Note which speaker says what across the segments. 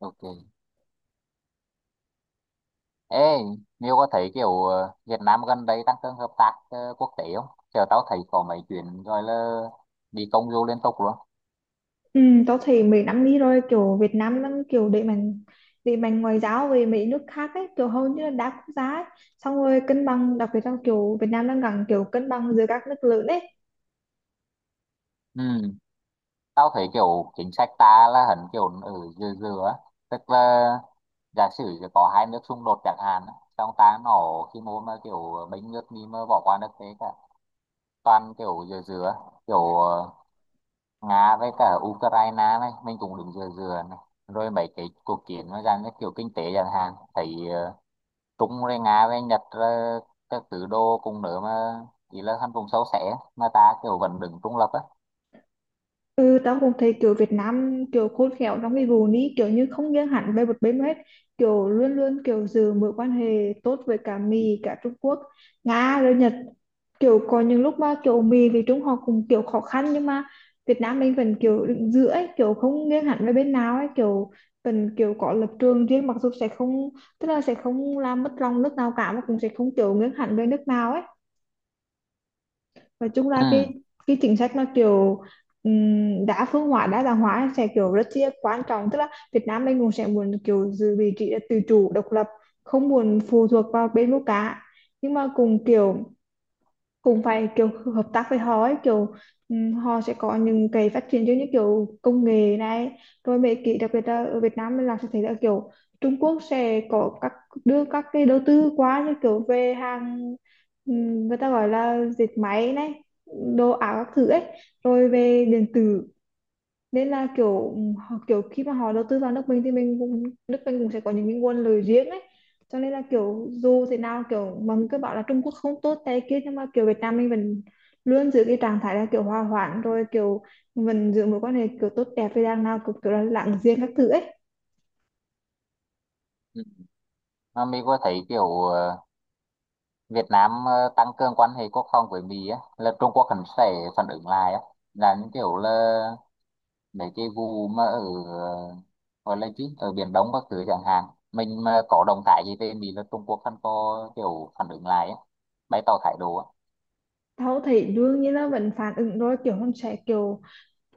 Speaker 1: Ok. Ê, Nhiêu có thấy kiểu Việt Nam gần đây tăng cường hợp tác quốc tế không? Chờ tao thấy có mấy chuyện rồi là đi công du liên tục luôn.
Speaker 2: Ừ, tao thấy mấy năm đi rồi kiểu Việt Nam đang kiểu đẩy mạnh ngoại giao về mấy nước khác ấy, kiểu hầu như là đa quốc gia ấy. Xong rồi cân bằng, đặc biệt trong kiểu Việt Nam đang gần kiểu cân bằng giữa các nước lớn ấy.
Speaker 1: Ừ. Tao thấy kiểu chính sách ta là hẳn kiểu ở dừa dừa á. Tức là giả sử giờ có hai nước xung đột chẳng hạn á, xong ta nổ khi mô mà kiểu bánh nước đi mà bỏ qua nước thế cả, toàn kiểu dừa dừa á, kiểu Nga với cả Ukraine này mình cũng đứng dừa dừa này, rồi mấy cái cuộc chiến nó ra như kiểu kinh tế chẳng hạn thấy Trung rồi Nga với Nhật rồi các thứ đồ cùng nữa, mà chỉ là thành vùng sâu xẻ mà ta kiểu vẫn đứng trung lập á.
Speaker 2: Ừ, tao cũng thấy kiểu Việt Nam kiểu khôn khéo trong cái vụนี้, kiểu như không nghiêng hẳn về một bên hết, kiểu luôn luôn kiểu giữ mối quan hệ tốt với cả Mỹ, cả Trung Quốc, Nga rồi Nhật. Kiểu có những lúc mà kiểu Mỹ với Trung họ cũng kiểu khó khăn nhưng mà Việt Nam mình vẫn kiểu đứng giữa ấy, kiểu không nghiêng hẳn về bên nào ấy, kiểu vẫn kiểu có lập trường riêng, mặc dù sẽ không, tức là sẽ không làm mất lòng nước nào cả mà cũng sẽ không kiểu nghiêng hẳn về nước nào ấy. Và chung là cái
Speaker 1: Ừ.
Speaker 2: cái chính sách nó kiểu đa phương hóa, đa dạng hóa, sẽ kiểu rất là quan trọng, tức là Việt Nam mình cũng sẽ muốn kiểu giữ vị trí là tự chủ độc lập, không muốn phụ thuộc vào bên nước cả, nhưng mà cùng kiểu, cũng phải kiểu hợp tác với họ ấy, kiểu họ sẽ có những cái phát triển giống như kiểu công nghệ này, rồi mấy cái đặc biệt là ở Việt Nam mình làm sẽ thấy là kiểu Trung Quốc sẽ có các, đưa các cái đầu tư quá như kiểu về hàng, người ta gọi là dệt máy này, đồ ảo các thứ ấy, rồi về điện tử. Nên là kiểu họ kiểu khi mà họ đầu tư vào nước mình thì mình cũng, nước mình cũng sẽ có những cái nguồn lời riêng ấy. Cho nên là kiểu dù thế nào, kiểu mà mình cứ bảo là Trung Quốc không tốt tay kia nhưng mà kiểu Việt Nam mình vẫn luôn giữ cái trạng thái là kiểu hòa hoãn, rồi kiểu mình giữ mối quan hệ kiểu tốt đẹp với đằng nào, kiểu, kiểu là lặng giềng các thứ ấy.
Speaker 1: Ừ. Mà Mỹ có thấy kiểu Việt Nam tăng cường quan hệ quốc phòng với Mỹ á là Trung Quốc hẳn sẽ phản ứng lại á, là những kiểu là mấy cái vụ mà ở ờ, gọi là chứ ở Biển Đông các thứ chẳng hạn, mình mà có động thái gì về Mỹ là Trung Quốc hẳn có kiểu phản ứng lại á, bày tỏ thái độ á.
Speaker 2: Tao thấy đương nhiên là vẫn phản ứng rồi, kiểu không sẽ kiểu,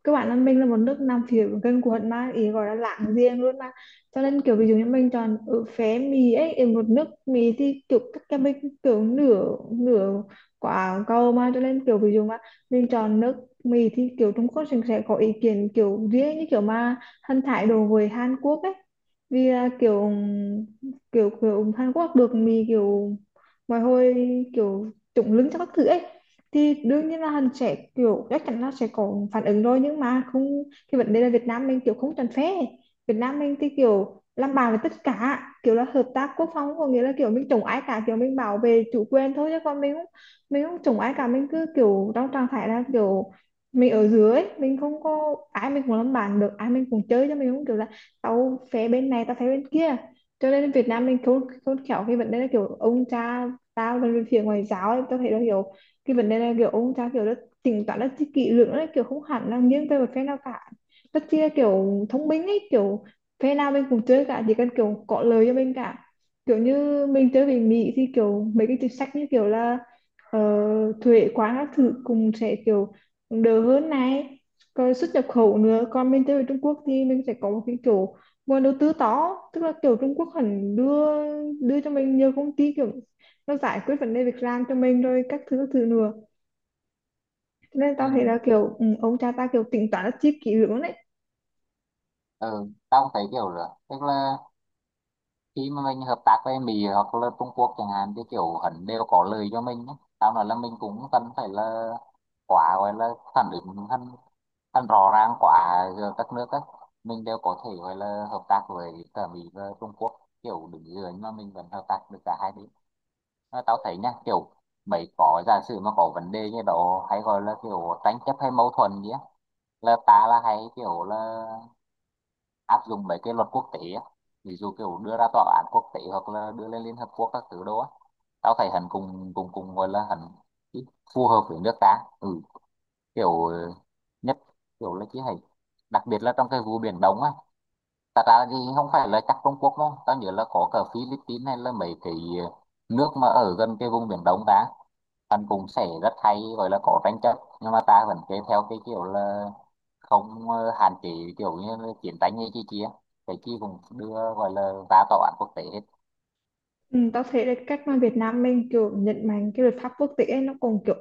Speaker 2: các bạn là minh là một nước Nam phiểu gần quận mà ý gọi là láng giềng luôn mà, cho nên kiểu ví dụ như mình chọn ở phé mì ấy, ở một nước mì thì kiểu các cái mình kiểu nửa nửa quả cầu mà, cho nên kiểu ví dụ mà mình chọn nước mì thì kiểu Trung Quốc sẽ có ý kiến kiểu riêng, như kiểu mà thân thái đồ với Hàn Quốc ấy, vì là kiểu kiểu kiểu Hàn Quốc được mì kiểu mọi hồi kiểu trụng lưng cho các thứ ấy. Thì đương nhiên là hắn sẽ kiểu chắc chắn là sẽ có phản ứng rồi, nhưng mà không, cái vấn đề là Việt Nam mình kiểu không tránh phế, Việt Nam mình thì kiểu làm bạn với tất cả, kiểu là hợp tác quốc phòng có nghĩa là kiểu mình chống ai cả, kiểu mình bảo vệ chủ quyền thôi, chứ còn mình không, mình không chống ai cả, mình cứ kiểu trong trạng thái là kiểu mình ở dưới mình không có ai, mình cũng làm bạn được, ai mình cũng chơi cho, mình không kiểu là tao phé bên này tao phé bên kia. Cho nên Việt Nam mình khôn khôn khéo cái vấn đề là kiểu ông cha, tao là về phía ngoại giao ấy, tao thấy là hiểu cái vấn đề này, kiểu ông cha kiểu rất tính toán, rất kỹ lưỡng đấy, kiểu không hẳn là nghiêng về một phe nào cả, rất chi là kiểu thông minh ấy, kiểu phe nào mình cũng chơi cả, chỉ cần kiểu có lời cho mình cả. Kiểu như mình chơi về Mỹ thì kiểu mấy cái chính sách như kiểu là ờ, thuế quá các thứ cùng sẽ kiểu đỡ hơn này, rồi xuất nhập khẩu nữa. Còn mình chơi về Trung Quốc thì mình sẽ có một cái kiểu nguồn đầu tư to, tức là kiểu Trung Quốc hẳn đưa, đưa cho mình nhiều công ty, kiểu nó giải quyết vấn đề việc làm cho mình, rồi các thứ nữa. Thế nên
Speaker 1: Ừ.
Speaker 2: tao thấy là kiểu ông cha ta kiểu tính toán rất chi kỹ lưỡng đấy.
Speaker 1: Ừ, tao cũng thấy kiểu rồi, tức là khi mà mình hợp tác với Mỹ hoặc là Trung Quốc chẳng hạn thì kiểu hẳn đều có lời cho mình ấy. Tao nói là mình cũng cần phải là quá gọi là phản ứng hắn, hắn rõ ràng quá giữa các nước ấy, mình đều có thể gọi là hợp tác với cả Mỹ và Trung Quốc, kiểu đứng dưới mà mình vẫn hợp tác được cả hai bên. Mà tao thấy nha, kiểu mấy có giả sử mà có vấn đề như đó hay gọi là kiểu tranh chấp hay mâu thuẫn gì á, là ta là hay kiểu là áp dụng mấy cái luật quốc tế á, ví dụ kiểu đưa ra tòa án quốc tế hoặc là đưa lên Liên Hợp Quốc các thứ đó á. Tao thấy hắn cùng cùng cùng gọi là hắn ít phù hợp với nước ta. Ừ, kiểu nhất kiểu là chỉ hay đặc biệt là trong cái vụ Biển Đông á. Thật ra thì không phải là chắc Trung Quốc đâu. Tao nhớ là có cả Philippines hay là mấy cái ờ, nước mà ở gần cái vùng Biển Đông ta. Hắn cũng sẽ rất hay gọi là có tranh chấp. Nhưng mà ta vẫn kế theo cái kiểu là không hạn chế kiểu như là chiến tranh hay chi chi á. Cái chi cũng đưa gọi là ra tòa án quốc tế hết.
Speaker 2: Ừ, tao thấy là cách mà Việt Nam mình kiểu nhấn mạnh cái luật pháp quốc tế ấy, nó còn kiểu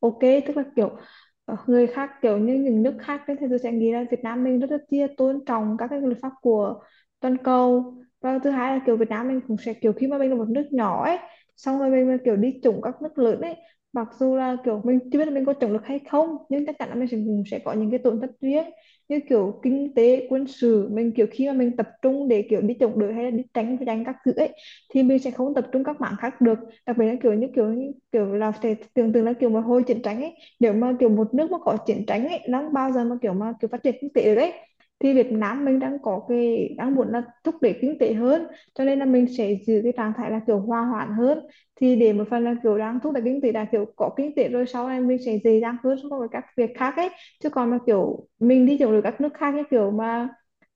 Speaker 2: ok, tức là kiểu người khác kiểu như những nước khác ấy, thì tôi sẽ nghĩ là Việt Nam mình rất là chia tôn trọng các cái luật pháp của toàn cầu. Và thứ hai là kiểu Việt Nam mình cũng sẽ kiểu khi mà mình là một nước nhỏ ấy, xong rồi mình mà kiểu đi chủng các nước lớn ấy, mặc dù là kiểu mình chưa biết là mình có chủng được hay không, nhưng chắc chắn là mình sẽ, cũng sẽ có những cái tổn thất riêng, như kiểu kinh tế quân sự, mình kiểu khi mà mình tập trung để kiểu đi chống đối hay là đi tránh tranh các thứ ấy thì mình sẽ không tập trung các mảng khác được. Đặc biệt là kiểu như kiểu là sẽ tưởng tượng là kiểu mà hồi chiến tranh ấy, nếu mà kiểu một nước mà có chiến tranh ấy, nó bao giờ mà kiểu phát triển kinh tế đấy. Thì Việt Nam mình đang có cái đang muốn là thúc đẩy kinh tế hơn, cho nên là mình sẽ giữ cái trạng thái là kiểu hòa hoãn hơn, thì để một phần là kiểu đang thúc đẩy kinh tế, là kiểu có kinh tế rồi sau này mình sẽ dễ dàng hơn so với các việc khác ấy. Chứ còn mà kiểu mình đi kiểu được các nước khác, như kiểu mà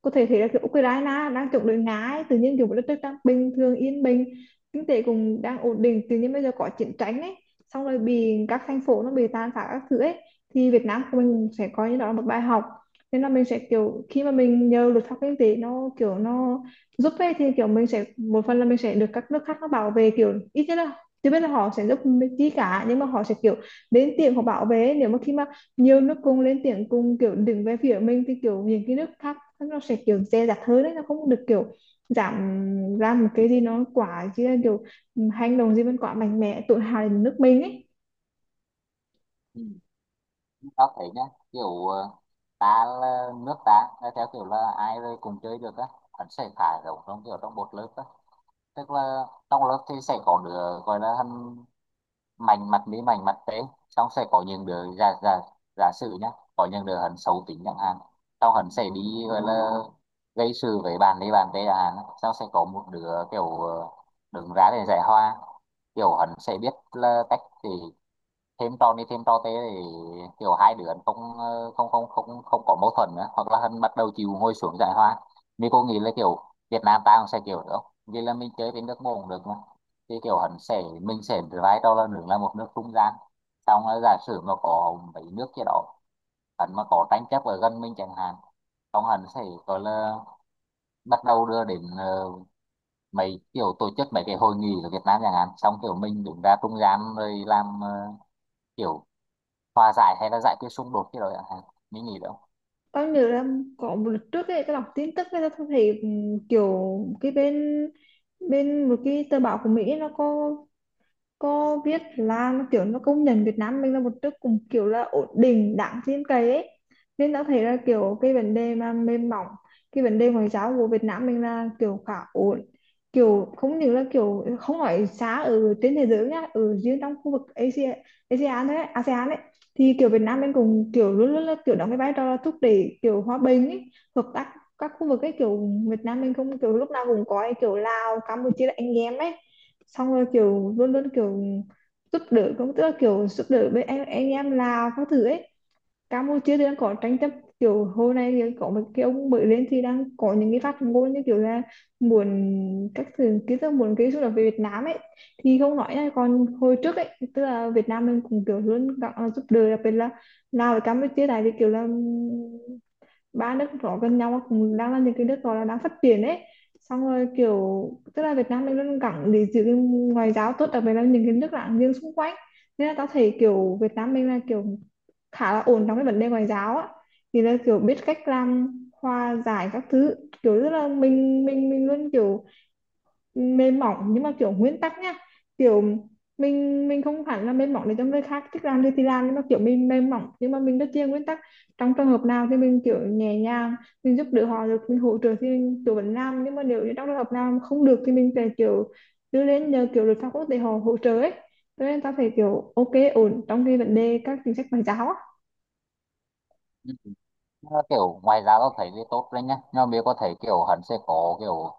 Speaker 2: có thể thấy là kiểu Ukraine đang chống đối Nga ấy, tự nhiên kiểu một đất nước đang bình thường yên bình, kinh tế cũng đang ổn định, tự nhiên bây giờ có chiến tranh ấy, xong rồi bị các thành phố nó bị tàn phá các thứ ấy. Thì Việt Nam của mình sẽ coi như đó là một bài học, nên là mình sẽ kiểu khi mà mình nhờ luật pháp kinh tế nó kiểu nó giúp ấy, thì kiểu mình sẽ một phần là mình sẽ được các nước khác nó bảo vệ, kiểu ít nhất là chưa biết là họ sẽ giúp mình chi cả, nhưng mà họ sẽ kiểu đến tiếng họ bảo vệ. Nếu mà khi mà nhiều nước cùng lên tiếng, cùng kiểu đứng về phía mình, thì kiểu những cái nước khác nó sẽ kiểu dè dặt hơn đấy, nó không được kiểu giảm ra một cái gì nó quá, chứ là kiểu hành động gì mình quá mạnh mẽ tự hào đến nước mình ấy.
Speaker 1: Ừ. Tao thấy nhá, kiểu ta là nước ta là theo kiểu là ai rồi cùng chơi được á. Hắn sẽ thả giống trong kiểu trong một lớp á. Tức là trong lớp thì sẽ có đứa gọi là hắn mảnh mặt mỹ mảnh mặt tế, xong sẽ có những đứa giả giả, giả sử nhá, có những đứa hắn xấu tính chẳng hạn, sau hắn sẽ đi gọi là gây sự với bạn đi bạn tế chẳng hạn, xong sẽ có một đứa kiểu đứng ra để giải hoa, kiểu hắn sẽ biết là cách để thêm trò này thêm trò thế để kiểu hai đứa không không không có mâu thuẫn nữa, hoặc là hắn bắt đầu chịu ngồi xuống giải hòa. Mình cô nghĩ là kiểu Việt Nam ta cũng sẽ kiểu nữa, vì là mình chơi với nước môn cũng được mà, thì kiểu hắn sẽ mình sẽ vai trò là nước là một nước trung gian. Xong là giả sử mà có mấy nước kia đó, hắn mà có tranh chấp ở gần mình chẳng hạn, xong hắn sẽ gọi là bắt đầu đưa đến mấy kiểu tổ chức mấy cái hội nghị ở Việt Nam chẳng hạn, xong kiểu mình đứng ra trung gian rồi làm kiểu hòa giải hay là giải quyết xung đột cái đó chẳng hạn. Mình nghĩ đâu.
Speaker 2: Tao nhớ là có một lần trước ấy, tao đọc tin tức ấy, tao thấy kiểu cái bên, một cái tờ báo của Mỹ ấy, nó có biết là nó kiểu nó công nhận Việt Nam mình là một nước cùng kiểu là ổn định đáng tin cậy ấy. Nên đã thấy là kiểu cái vấn đề mà mềm mỏng, cái vấn đề ngoại giao của Việt Nam mình là kiểu khá ổn, kiểu không những là kiểu không phải xa ở trên thế giới nhá, ở riêng trong khu vực Asia, ASEAN đấy, ASEAN ấy, thì kiểu Việt Nam mình cũng kiểu luôn luôn là kiểu đóng cái vai trò là thúc đẩy kiểu hòa bình ấy, hợp tác các khu vực ấy. Kiểu Việt Nam mình không kiểu lúc nào cũng có ấy, kiểu Lào Campuchia là anh em ấy, xong rồi kiểu luôn luôn kiểu giúp đỡ cũng, tức là kiểu giúp đỡ với anh em Lào các thứ ấy. Campuchia thì đang có tranh chấp, kiểu hồi nay thì có một cái ông mới lên thì đang có những cái phát ngôn như kiểu là muốn các thứ ký, tức muốn cái xung đột về Việt Nam ấy, thì không nói nha. Còn hồi trước ấy, tức là Việt Nam mình cũng kiểu luôn giúp đỡ, đặc biệt là Lào và Campuchia, tại vì kiểu là ba nước đó gần nhau mà cũng đang là những cái nước gọi là đang phát triển ấy. Xong rồi kiểu tức là Việt Nam đang rất gắng để giữ cái ngoại giao tốt, đặc biệt là những cái nước láng giềng xung quanh, nên là tao thấy kiểu Việt Nam mình là kiểu khá là ổn trong cái vấn đề ngoại giao á, thì là kiểu biết cách làm hòa giải các thứ, kiểu rất là mình luôn kiểu mềm mỏng nhưng mà kiểu nguyên tắc nhá, kiểu mình không hẳn là mềm mỏng để cho người khác thích làm gì thì làm, nhưng mà kiểu mình mềm mỏng nhưng mà mình rất chia nguyên tắc. Trong trường hợp nào thì mình kiểu nhẹ nhàng, mình giúp đỡ họ được, mình hỗ trợ thì mình kiểu vẫn làm, nhưng mà nếu như trong trường hợp nào mà không được thì mình sẽ kiểu đưa lên nhờ kiểu luật pháp quốc tế họ hỗ trợ ấy. Cho nên ta phải kiểu ok, ổn trong cái vấn đề các chính sách ngoại giao á.
Speaker 1: Nó kiểu ngoài ra tao thấy thì tốt đấy nhá, nhưng mà mình có thể kiểu hắn sẽ có kiểu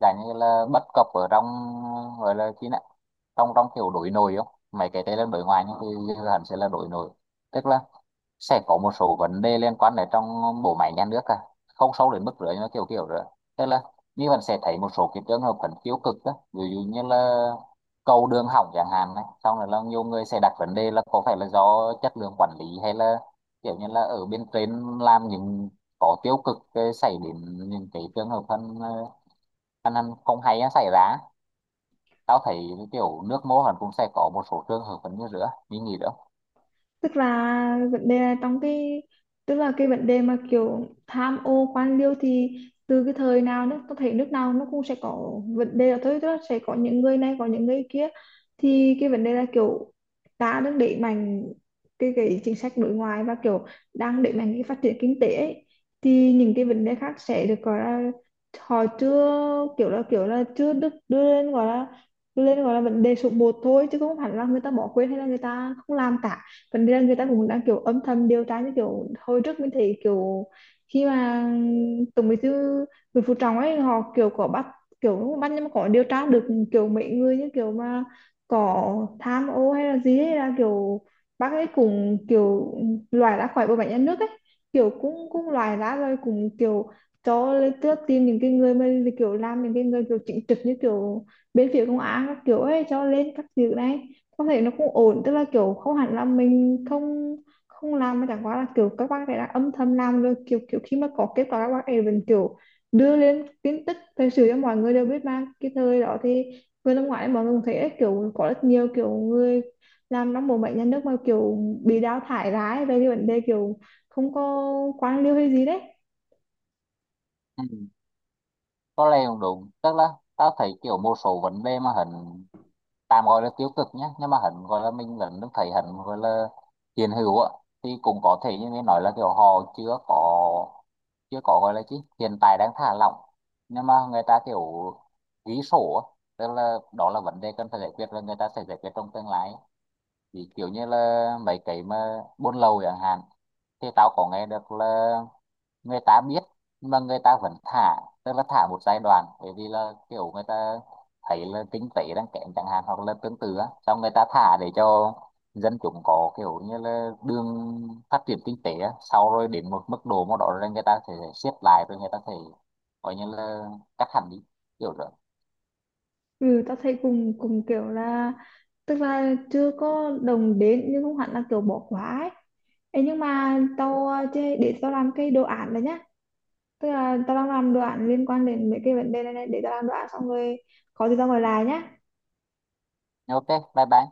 Speaker 1: dạng như là bất cập ở trong gọi là cái này, trong trong kiểu đối nội không? Mấy cái đấy là đối ngoại, nhưng thì hắn sẽ là đối nội. Tức là sẽ có một số vấn đề liên quan đến trong bộ máy nhà nước à, không sâu đến mức rưỡi nó kiểu kiểu rồi. Tức là như bạn sẽ thấy một số cái trường hợp vẫn tiêu cực đó, ví dụ như là cầu đường hỏng chẳng hạn này, xong rồi là nhiều người sẽ đặt vấn đề là có phải là do chất lượng quản lý, hay là kiểu như là ở bên trên làm những có tiêu cực xảy đến những cái trường hợp thân ăn ăn không hay nó xảy ra. Tao thấy kiểu nước mô hẳn cũng sẽ có một số trường hợp vẫn như rửa như nhỉ đó.
Speaker 2: Tức là vấn đề là trong cái, tức là cái vấn đề mà kiểu tham ô quan liêu thì từ cái thời nào nó có thể, nước nào nó cũng sẽ có vấn đề là thôi, tức là sẽ có những người này có những người kia. Thì cái vấn đề là kiểu ta đang đẩy mạnh cái chính sách đối ngoại và kiểu đang đẩy mạnh cái phát triển kinh tế ấy, thì những cái vấn đề khác sẽ được gọi là, họ chưa, kiểu là chưa được đưa lên gọi là, đưa lên gọi là vấn đề số một thôi, chứ không hẳn là người ta bỏ quên hay là người ta không làm cả. Phần ra người ta cũng đang kiểu âm thầm điều tra, như kiểu hồi trước mình thấy kiểu khi mà Tổng Bí thư Nguyễn Phú Trọng ấy, họ kiểu có bắt, kiểu không bắt nhưng mà có điều tra được kiểu mấy người như kiểu mà có tham ô hay là gì ấy, là kiểu bác ấy cũng kiểu loại ra khỏi bộ máy nhà nước ấy, kiểu cũng cũng loại ra rồi cũng kiểu cho lên tước, tìm những cái người mà kiểu làm, những cái người kiểu chính trực như kiểu bên phía công an các kiểu ấy cho lên các việc này. Không thể, nó cũng ổn, tức là kiểu không hẳn là mình không, không làm, mà chẳng qua là kiểu các bác ấy đã âm thầm làm rồi, kiểu kiểu khi mà có kết quả các bác ấy vẫn kiểu đưa lên tin tức thời sự cho mọi người đều biết. Mà cái thời đó thì vừa năm ngoái mọi người cũng thấy đấy, kiểu có rất nhiều kiểu người làm trong bộ bệnh nhà nước mà kiểu bị đào thải ra ấy, về cái vấn đề kiểu không có, quan liêu hay gì đấy.
Speaker 1: Có lẽ cũng đúng, tức là tao thấy kiểu một số vấn đề mà hình tạm gọi là tiêu cực nhé, nhưng mà hình gọi là mình vẫn thấy hình gọi là hiện hữu á. Thì cũng có thể như mình nói là kiểu họ chưa có, chưa có gọi là chứ hiện tại đang thả lỏng, nhưng mà người ta kiểu ghi sổ á, tức là đó là vấn đề cần phải giải quyết và người ta sẽ giải quyết trong tương lai. Thì kiểu như là mấy cái mà buôn lậu chẳng hạn, thì tao có nghe được là người ta biết nhưng mà người ta vẫn thả. Tức là thả một giai đoạn, bởi vì là kiểu người ta thấy là kinh tế đang kém chẳng hạn hoặc là tương tự á, xong người ta thả để cho dân chúng có kiểu như là đường phát triển kinh tế á, sau rồi đến một mức độ mà đó rồi người ta sẽ siết lại, rồi người ta sẽ coi như là cắt hẳn đi kiểu rồi.
Speaker 2: Ừ, tao thấy cùng cùng kiểu là, tức là chưa có đồng đến nhưng không hẳn là kiểu bỏ quá ấy. Ê, nhưng mà tao để tao làm cái đồ án đấy nhá, tức là tao đang làm đồ án liên quan đến mấy cái vấn đề này, này để tao làm đồ án xong rồi có gì tao gọi lại nhá.
Speaker 1: Ok, bye bye.